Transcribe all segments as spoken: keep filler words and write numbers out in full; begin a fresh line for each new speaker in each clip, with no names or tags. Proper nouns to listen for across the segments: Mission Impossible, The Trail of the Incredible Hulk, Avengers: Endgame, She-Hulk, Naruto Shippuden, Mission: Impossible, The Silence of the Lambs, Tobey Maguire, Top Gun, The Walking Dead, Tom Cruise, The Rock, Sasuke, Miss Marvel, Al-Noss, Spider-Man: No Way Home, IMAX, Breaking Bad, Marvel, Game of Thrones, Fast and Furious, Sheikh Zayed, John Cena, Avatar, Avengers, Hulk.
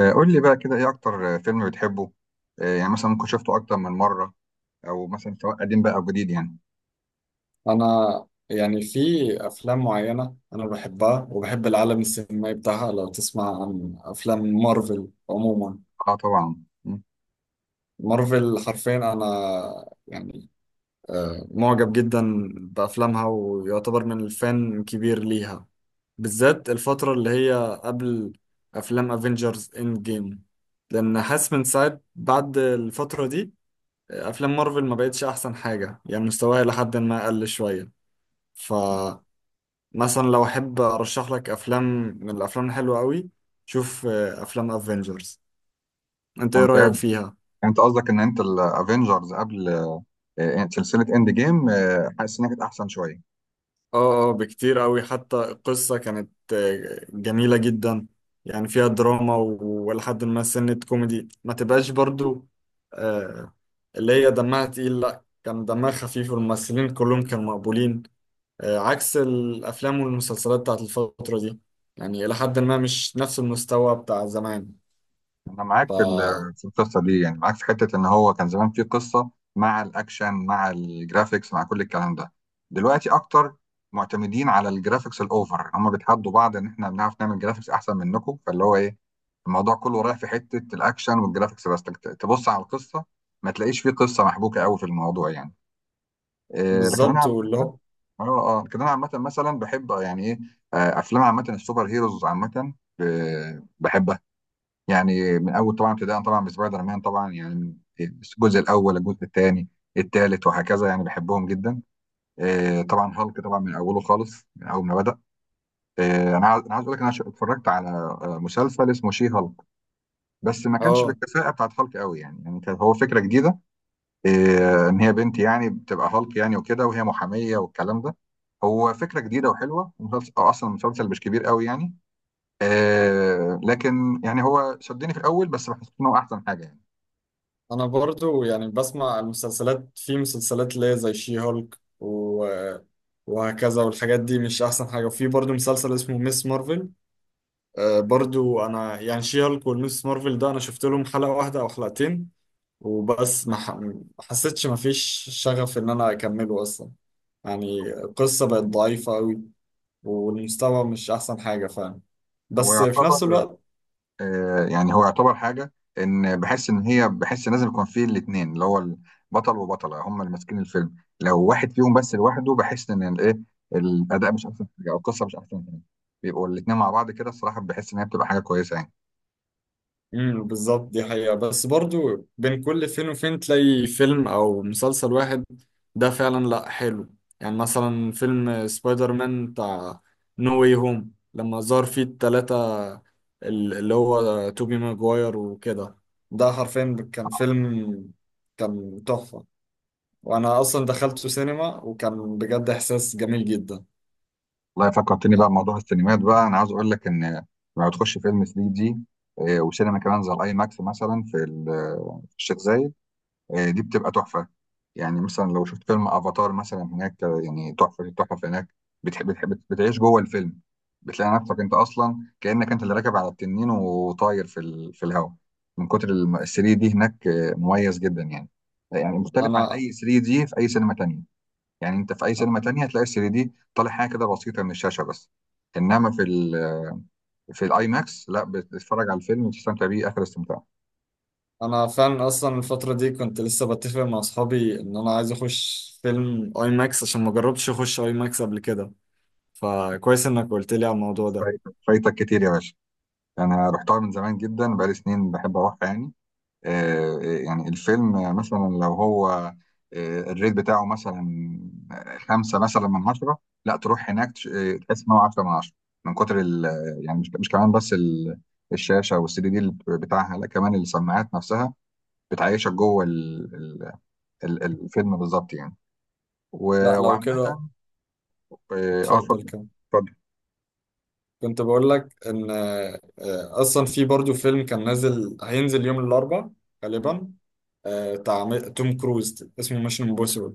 آه، قول لي بقى كده ايه اكتر آه، فيلم بتحبه. آه، يعني مثلا ممكن شفته اكتر من مره، او مثلا سواء قديم بقى او جديد يعني.
انا يعني في افلام معينه انا بحبها وبحب العالم السينمائي بتاعها. لو تسمع عن افلام مارفل عموما،
اه، طبعا. مم.
مارفل حرفيا انا يعني آه، معجب جدا بافلامها، ويعتبر من الفان كبير ليها، بالذات الفتره اللي هي قبل افلام افنجرز اند جيم، لان حاسس من ساعه بعد الفتره دي آه، افلام مارفل ما بقتش احسن حاجه، يعني مستواها لحد ما قل شويه. ف مثلا لو احب ارشح لك افلام من الافلام الحلوه قوي، شوف آه، افلام افنجرز، انت ايه
ممتاز.
رايك
يعني
فيها؟
انت قصدك ان انت الافينجرز قبل آه، آه، سلسله اند جيم، حاسس انها كانت احسن شويه.
اه اه بكتير قوي، حتى القصه كانت آه، جميله جدا، يعني فيها دراما و- ولحد ما سنه كوميدي ما تبقاش برضو، آه، اللي هي دمها تقيل، لا كان دمها خفيف والممثلين كلهم كانوا مقبولين، آه، عكس الافلام والمسلسلات بتاعت الفتره دي، يعني الى حد ما مش نفس المستوى بتاع زمان.
انا معاك
ف
في ال- في القصه دي، يعني معاك في حته ان هو كان زمان في قصه مع الاكشن مع الجرافيكس مع كل الكلام ده. دلوقتي اكتر معتمدين على الجرافيكس الاوفر، هم بيتحدوا بعض ان احنا بنعرف نعمل جرافيكس احسن منكم، فاللي هو ايه، الموضوع كله رايح في حته الاكشن والجرافيكس بس. تك- تبص على القصه، ما تلاقيش فيه قصه محبوكه قوي في الموضوع يعني. إيه، لكن انا
بالظبط
عامه،
واللي هو.
اه اه، لكن انا عامه مثلا بحب يعني ايه، آه، افلام عامه السوبر هيروز عامه، ب- بحبها. يعني من اول طبعا ابتداء طبعا بسبايدر مان طبعا، يعني من الجزء الاول الجزء الثاني الثالث وهكذا، يعني بحبهم جدا. آه، طبعا هالك طبعا من اوله خالص من اول ما بدا. آه، انا عايز- انا عايز اقول لك، انا ش- اتفرجت على آه، مسلسل اسمه شي هالك، بس ما كانش
اه
بالكفاءه بتاعت هالك قوي يعني، يعني كان هو فكره جديده. آه، ان هي بنت يعني بتبقى هالك يعني وكده، وهي محاميه والكلام ده، هو فكره جديده وحلوه، ومسلسل أو اصلا المسلسل مش كبير قوي يعني. آه، لكن يعني هو شدني في الاول، بس بحس انه احسن حاجه يعني.
انا برضو يعني بسمع المسلسلات، في مسلسلات اللي هي زي شي هولك و... وهكذا، والحاجات دي مش احسن حاجه، وفي برضو مسلسل اسمه ميس مارفل. آه برضو انا يعني شي هولك والميس مارفل ده انا شفت لهم حلقه واحده او حلقتين وبس، ما ح- ما حسيتش ما فيش شغف ان انا اكمله اصلا، يعني القصه بقت ضعيفه قوي والمستوى مش احسن حاجه فعلا.
هو
بس في نفس
يعتبر
الوقت
آه، يعني هو يعتبر حاجة، إن بحس إن هي بحس لازم يكون فيه الاتنين، اللي هو البطل وبطلة هما اللي ماسكين الفيلم، لو واحد فيهم بس لوحده بحس إن الإيه، الأداء مش أحسن حاجة أو القصة مش أحسن حاجة. بيبقوا الاتنين مع بعض كده، الصراحة بحس إن هي بتبقى حاجة كويسة يعني.
امم بالظبط، دي حقيقة. بس برضو بين كل فين وفين تلاقي فيلم أو مسلسل واحد ده فعلا لأ حلو. يعني مثلا فيلم سبايدر مان بتاع نو واي هوم لما ظهر فيه التلاتة، ال- اللي هو توبي ماجواير وكده، ده حرفيا كان فيلم، كان تحفة، وأنا أصلا دخلته سينما وكان بجد إحساس جميل جدا.
والله فكرتني بقى
يعني
بموضوع السينمات، بقى أنا عاوز أقول لك إن لما تخش فيلم تلاتة دي آه، وسينما كمان زي الأي ماكس مثلا في ال- في الشيخ زايد، آه، دي بتبقى تحفة. يعني مثلا لو شفت فيلم افاتار مثلا هناك، آه، يعني تحفة التحف هناك. بتحب بتحب بتعيش جوه الفيلم، بتلاقي نفسك انت اصلا كأنك انت اللي راكب على التنين وطاير في ال... في الهواء. من كتر الم- ال ثري دي هناك آه، مميز جدا يعني. يعني مختلف عن
أنا
اي ثري دي في اي سينما تانية. يعني انت في اي سينما تانية هتلاقي تلاتة دي طالع حاجة كده بسيطة من الشاشة بس، انما في ال... في الاي ماكس لا، بتتفرج على الفيلم وتستمتع بيه اخر استمتاع.
انا فعلا اصلا الفتره دي كنت لسه بتفق مع اصحابي ان انا عايز اخش فيلم اي ماكس عشان ما جربتش اخش اي ماكس قبل كده، فكويس انك قلت لي على الموضوع ده.
فايتك فايتك كتير يا باشا. انا رحتها من زمان جدا، بقالي سنين بحب اروح يعني. آه، آه، يعني الفيلم مثلا لو هو آه، الريت بتاعه مثلا خمسة مثلا من عشرة، لا، تروح هناك تش- آه، تحس ان هو عشرة من عشرة. من كتر ال... يعني مش مش كمان بس ال- الشاشة والسي دي دي اللي بتاعها، لا، كمان السماعات نفسها بتعيشك جوه ال- ال- ال- الفيلم بالظبط يعني. و-
لا لو
وعامة،
كده
اه. آه،
اتفضل
اتفضل.
كمل. كنت بقول لك ان آه، اصلا في برضو فيلم كان نازل، هينزل يوم الاربعاء غالبا، آه، بتاع م- توم كروز اسمه ميشن امبوسيبل.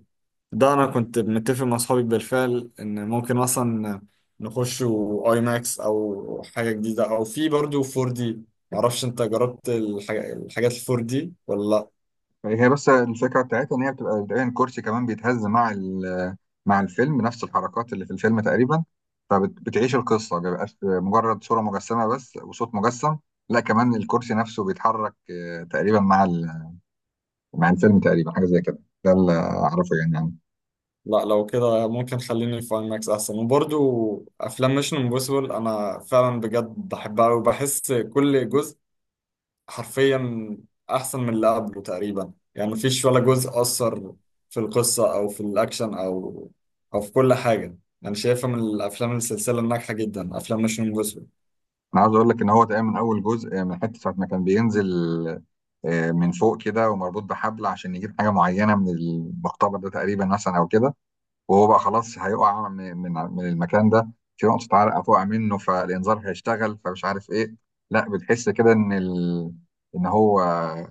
ده انا كنت متفق مع اصحابي بالفعل ان ممكن مثلا نخش اي ماكس او حاجه جديده، او في برضو فور دي. معرفش انت جربت الح- الحاجات ال فور دي ولا لا.
هي بس الفكرة بتاعتها إن هي بتبقى تقريبا كرسي كمان بيتهز مع ال- مع الفيلم نفس الحركات اللي في الفيلم تقريبا. فبتعيش القصة، ما بيبقاش مجرد صورة مجسمة بس وصوت مجسم، لا، كمان الكرسي نفسه بيتحرك آه، تقريبا مع ال- مع الفيلم تقريبا، حاجة زي كده. ده اللي أعرفه يعني عنه.
لا لو كده ممكن خليني في اي ماكس احسن. وبرضو افلام ميشن امبوسيبل انا فعلا بجد بحبها، وبحس كل جزء حرفيا احسن من اللي قبله تقريبا، يعني مفيش ولا جزء اثر في القصه او في الاكشن او او في كل حاجه. انا شايفها من الافلام السلسله الناجحه جدا، افلام مش جوسوي.
أنا عاوز أقول لك إن هو تقريبا من أول جزء آه، من حتة ساعة ما كان بينزل آه، من فوق كده ومربوط بحبل عشان يجيب حاجة معينة من المقتبل ده تقريبا مثلا أو كده، وهو بقى خلاص هيقع من من من المكان ده، في نقطة عرق هتقع منه، فالإنذار هيشتغل فمش عارف إيه، لا، بتحس كده إن ال... إن هو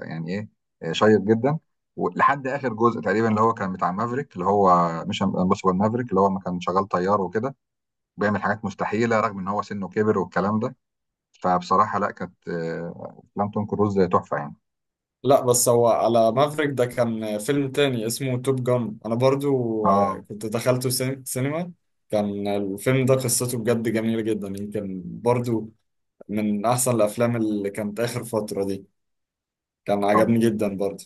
يعني إيه، شيق جدا. ولحد آخر جزء تقريبا اللي هو كان بتاع مافريك، اللي هو مش امبوسيبل مافريك، اللي هو ما كان شغال طيار وكده بيعمل حاجات مستحيلة رغم إن هو سنه كبر والكلام ده. فبصراحة لا، كانت آه، أفلام توم كروز تحفة يعني.
لا بس هو على مافريك ده كان فيلم تاني اسمه توب جان، انا برضو آه،
آه.
كنت دخلته سين- سينما. كان الفيلم ده قصته بجد جميله جدا، يمكن برضو من احسن الافلام اللي كانت اخر فتره دي، كان
طب
عجبني جدا برضو.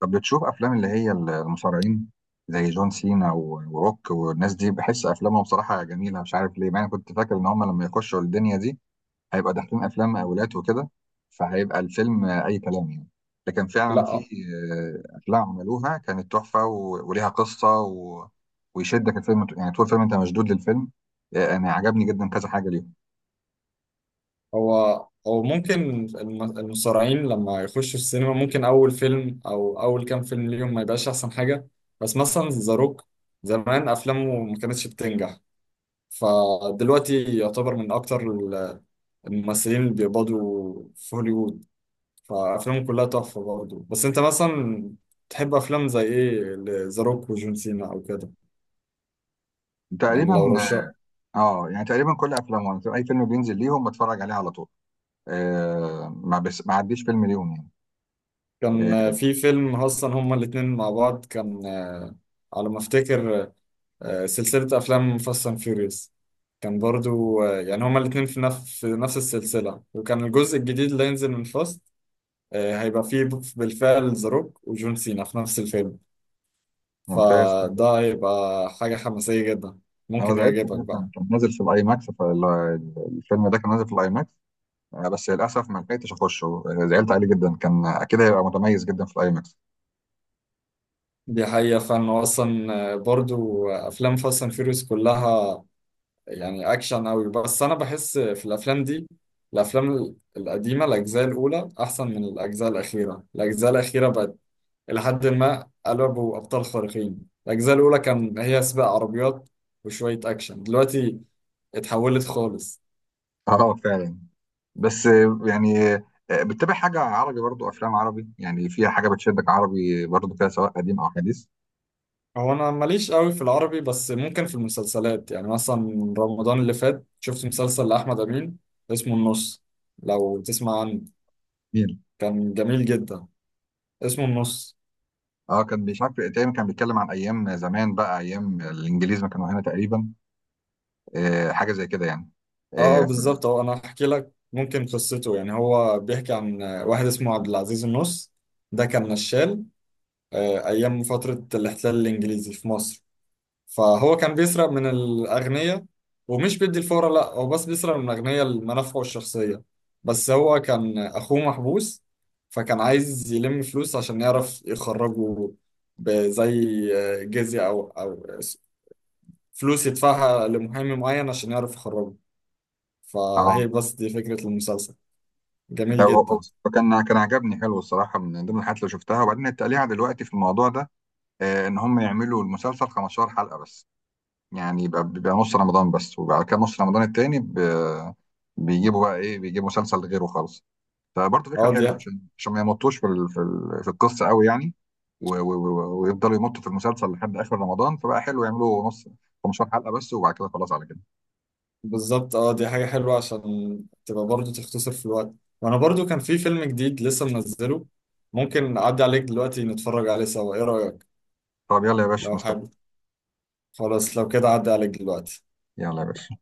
طب بتشوف افلام اللي هي المصارعين زي جون سينا و- وروك والناس دي، بحس افلامهم بصراحه جميله، مش عارف ليه، مع إني كنت فاكر ان هم لما يخشوا الدنيا دي هيبقى داخلين افلام مقاولات وكده، فهيبقى الفيلم اي كلام يعني. لكن فعلا
لا
في آه، افلام عملوها كانت تحفه و- وليها قصه و... ويشدك الفيلم، ط- يعني طول الفيلم انت مشدود للفيلم. آه، انا عجبني جدا كذا حاجه ليهم.
هو هو ممكن الم- المصارعين لما يخشوا السينما ممكن أول فيلم أو أول كام فيلم ليهم ما يبقاش أحسن حاجة. بس مثلا ذا روك زمان أفلامه ما كانتش بتنجح، فدلوقتي يعتبر من أكتر ال- الممثلين اللي بيقبضوا في هوليوود، فأفلامه كلها تحفة برضه. بس أنت مثلا تحب أفلام زي إيه؟ ذا روك وجون سينا أو كده؟ يعني
تقريبا.
لو رشا
اه، يعني تقريبا كل افلامهم، اي فيلم بينزل ليهم بتفرج عليه على طول. آه، ما بس ما عديش فيلم ليهم يعني. إيه.
كان في فيلم أصلا هما الاتنين مع بعض، كان على ما أفتكر آه، سلسلة أفلام فاست أند فيوريوس. كان برضو آه، يعني هما الاتنين في نفس في نفس السلسلة، وكان الجزء الجديد اللي هينزل من فاست آه، هيبقى فيه ب- بالفعل ذا روك وجون سينا في نفس الفيلم،
ممتاز جدا.
فده هيبقى حاجة حماسية جدا،
انا
ممكن
زعلت
يعجبك
جدا،
بقى.
كان نازل في الاي ماكس، فالفيلم ده كان نازل في الاي ماكس، آه، بس للاسف ما لحقتش اخشه، آه، زعلت عليه جدا، كان اكيد هيبقى متميز جدا في الاي ماكس.
دي حقيقة. فأنا أصلا آه، برضو آه، أفلام فاست أند فيوريوس كلها يعني أكشن أوي، بس أنا بحس في الأفلام دي الأفلام القديمة الأجزاء الأولى أحسن من الأجزاء الأخيرة، الأجزاء الأخيرة بقت إلى حد ما قلبوا أبطال خارقين، الأجزاء الأولى كان هي سباق عربيات وشوية أكشن، دلوقتي اتحولت خالص.
اه، فعلا. بس آه، يعني آه، بتتابع حاجه عربي؟ برضو افلام عربي يعني فيها حاجه بتشدك عربي برضو كده، سواء قديم او حديث.
هو أنا ماليش قوي في العربي، بس ممكن في المسلسلات، يعني مثلا رمضان اللي فات شفت مسلسل لأحمد أمين اسمه النص، لو تسمع عنه.
جميل.
كان جميل جدا، اسمه النص.
اه، كان مش عارف تقريبا، كان بيتكلم عن ايام زمان بقى، ايام الانجليز ما كانوا هنا تقريبا، آه، حاجه زي كده يعني.
اه آه،
اه ف-
بالظبط، هو أنا هحكي لك ممكن قصته. يعني هو بيحكي عن واحد اسمه عبد العزيز النص، ده كان نشال آه، أيام فترة الاحتلال الإنجليزي في مصر، فهو كان بيسرق من الأغنياء، ومش بيدي الفورة، لا هو بس بيسرق من الأغنياء لمنافعه الشخصية. بس هو كان أخوه محبوس، فكان عايز يلم فلوس عشان يعرف يخرجه، بزي جزية أو أو فلوس يدفعها لمحامي معين عشان يعرف يخرجه.
آه.
فهي بس دي فكرة المسلسل.
ده
جميل
هو- هو
جدا.
كان كان عجبني حلو الصراحه، من ضمن الحاجات اللي شفتها. وبعدين التقليعه دلوقتي في الموضوع ده آه، ان هم يعملوا المسلسل خمستاشر حلقه بس، يعني يبقى بيبقى نص رمضان بس، وبعد كده نص رمضان التاني ب- بيجيبوا بقى ايه، بيجيبوا مسلسل غيره خالص، فبرضه فكره
اه دي
حلوه عشان عشان ما يمطوش في ال- في ال- في القصه قوي يعني. و- و- و- ويفضلوا يمطوا في المسلسل لحد اخر رمضان، فبقى حلو يعملوا نص خمسة عشر حلقه بس، وبعد كده خلاص على كده.
بالظبط. اه دي حاجة حلوة عشان تبقى برضو تختصر في الوقت. وانا برضو كان في فيلم جديد لسه منزله، ممكن اعدي عليك دلوقتي نتفرج عليه سوا، ايه رأيك؟
طب، يلا يا باشا
لو
مستني.
حابب. خلاص لو كده اعدي عليك دلوقتي.
يلا يا باشا.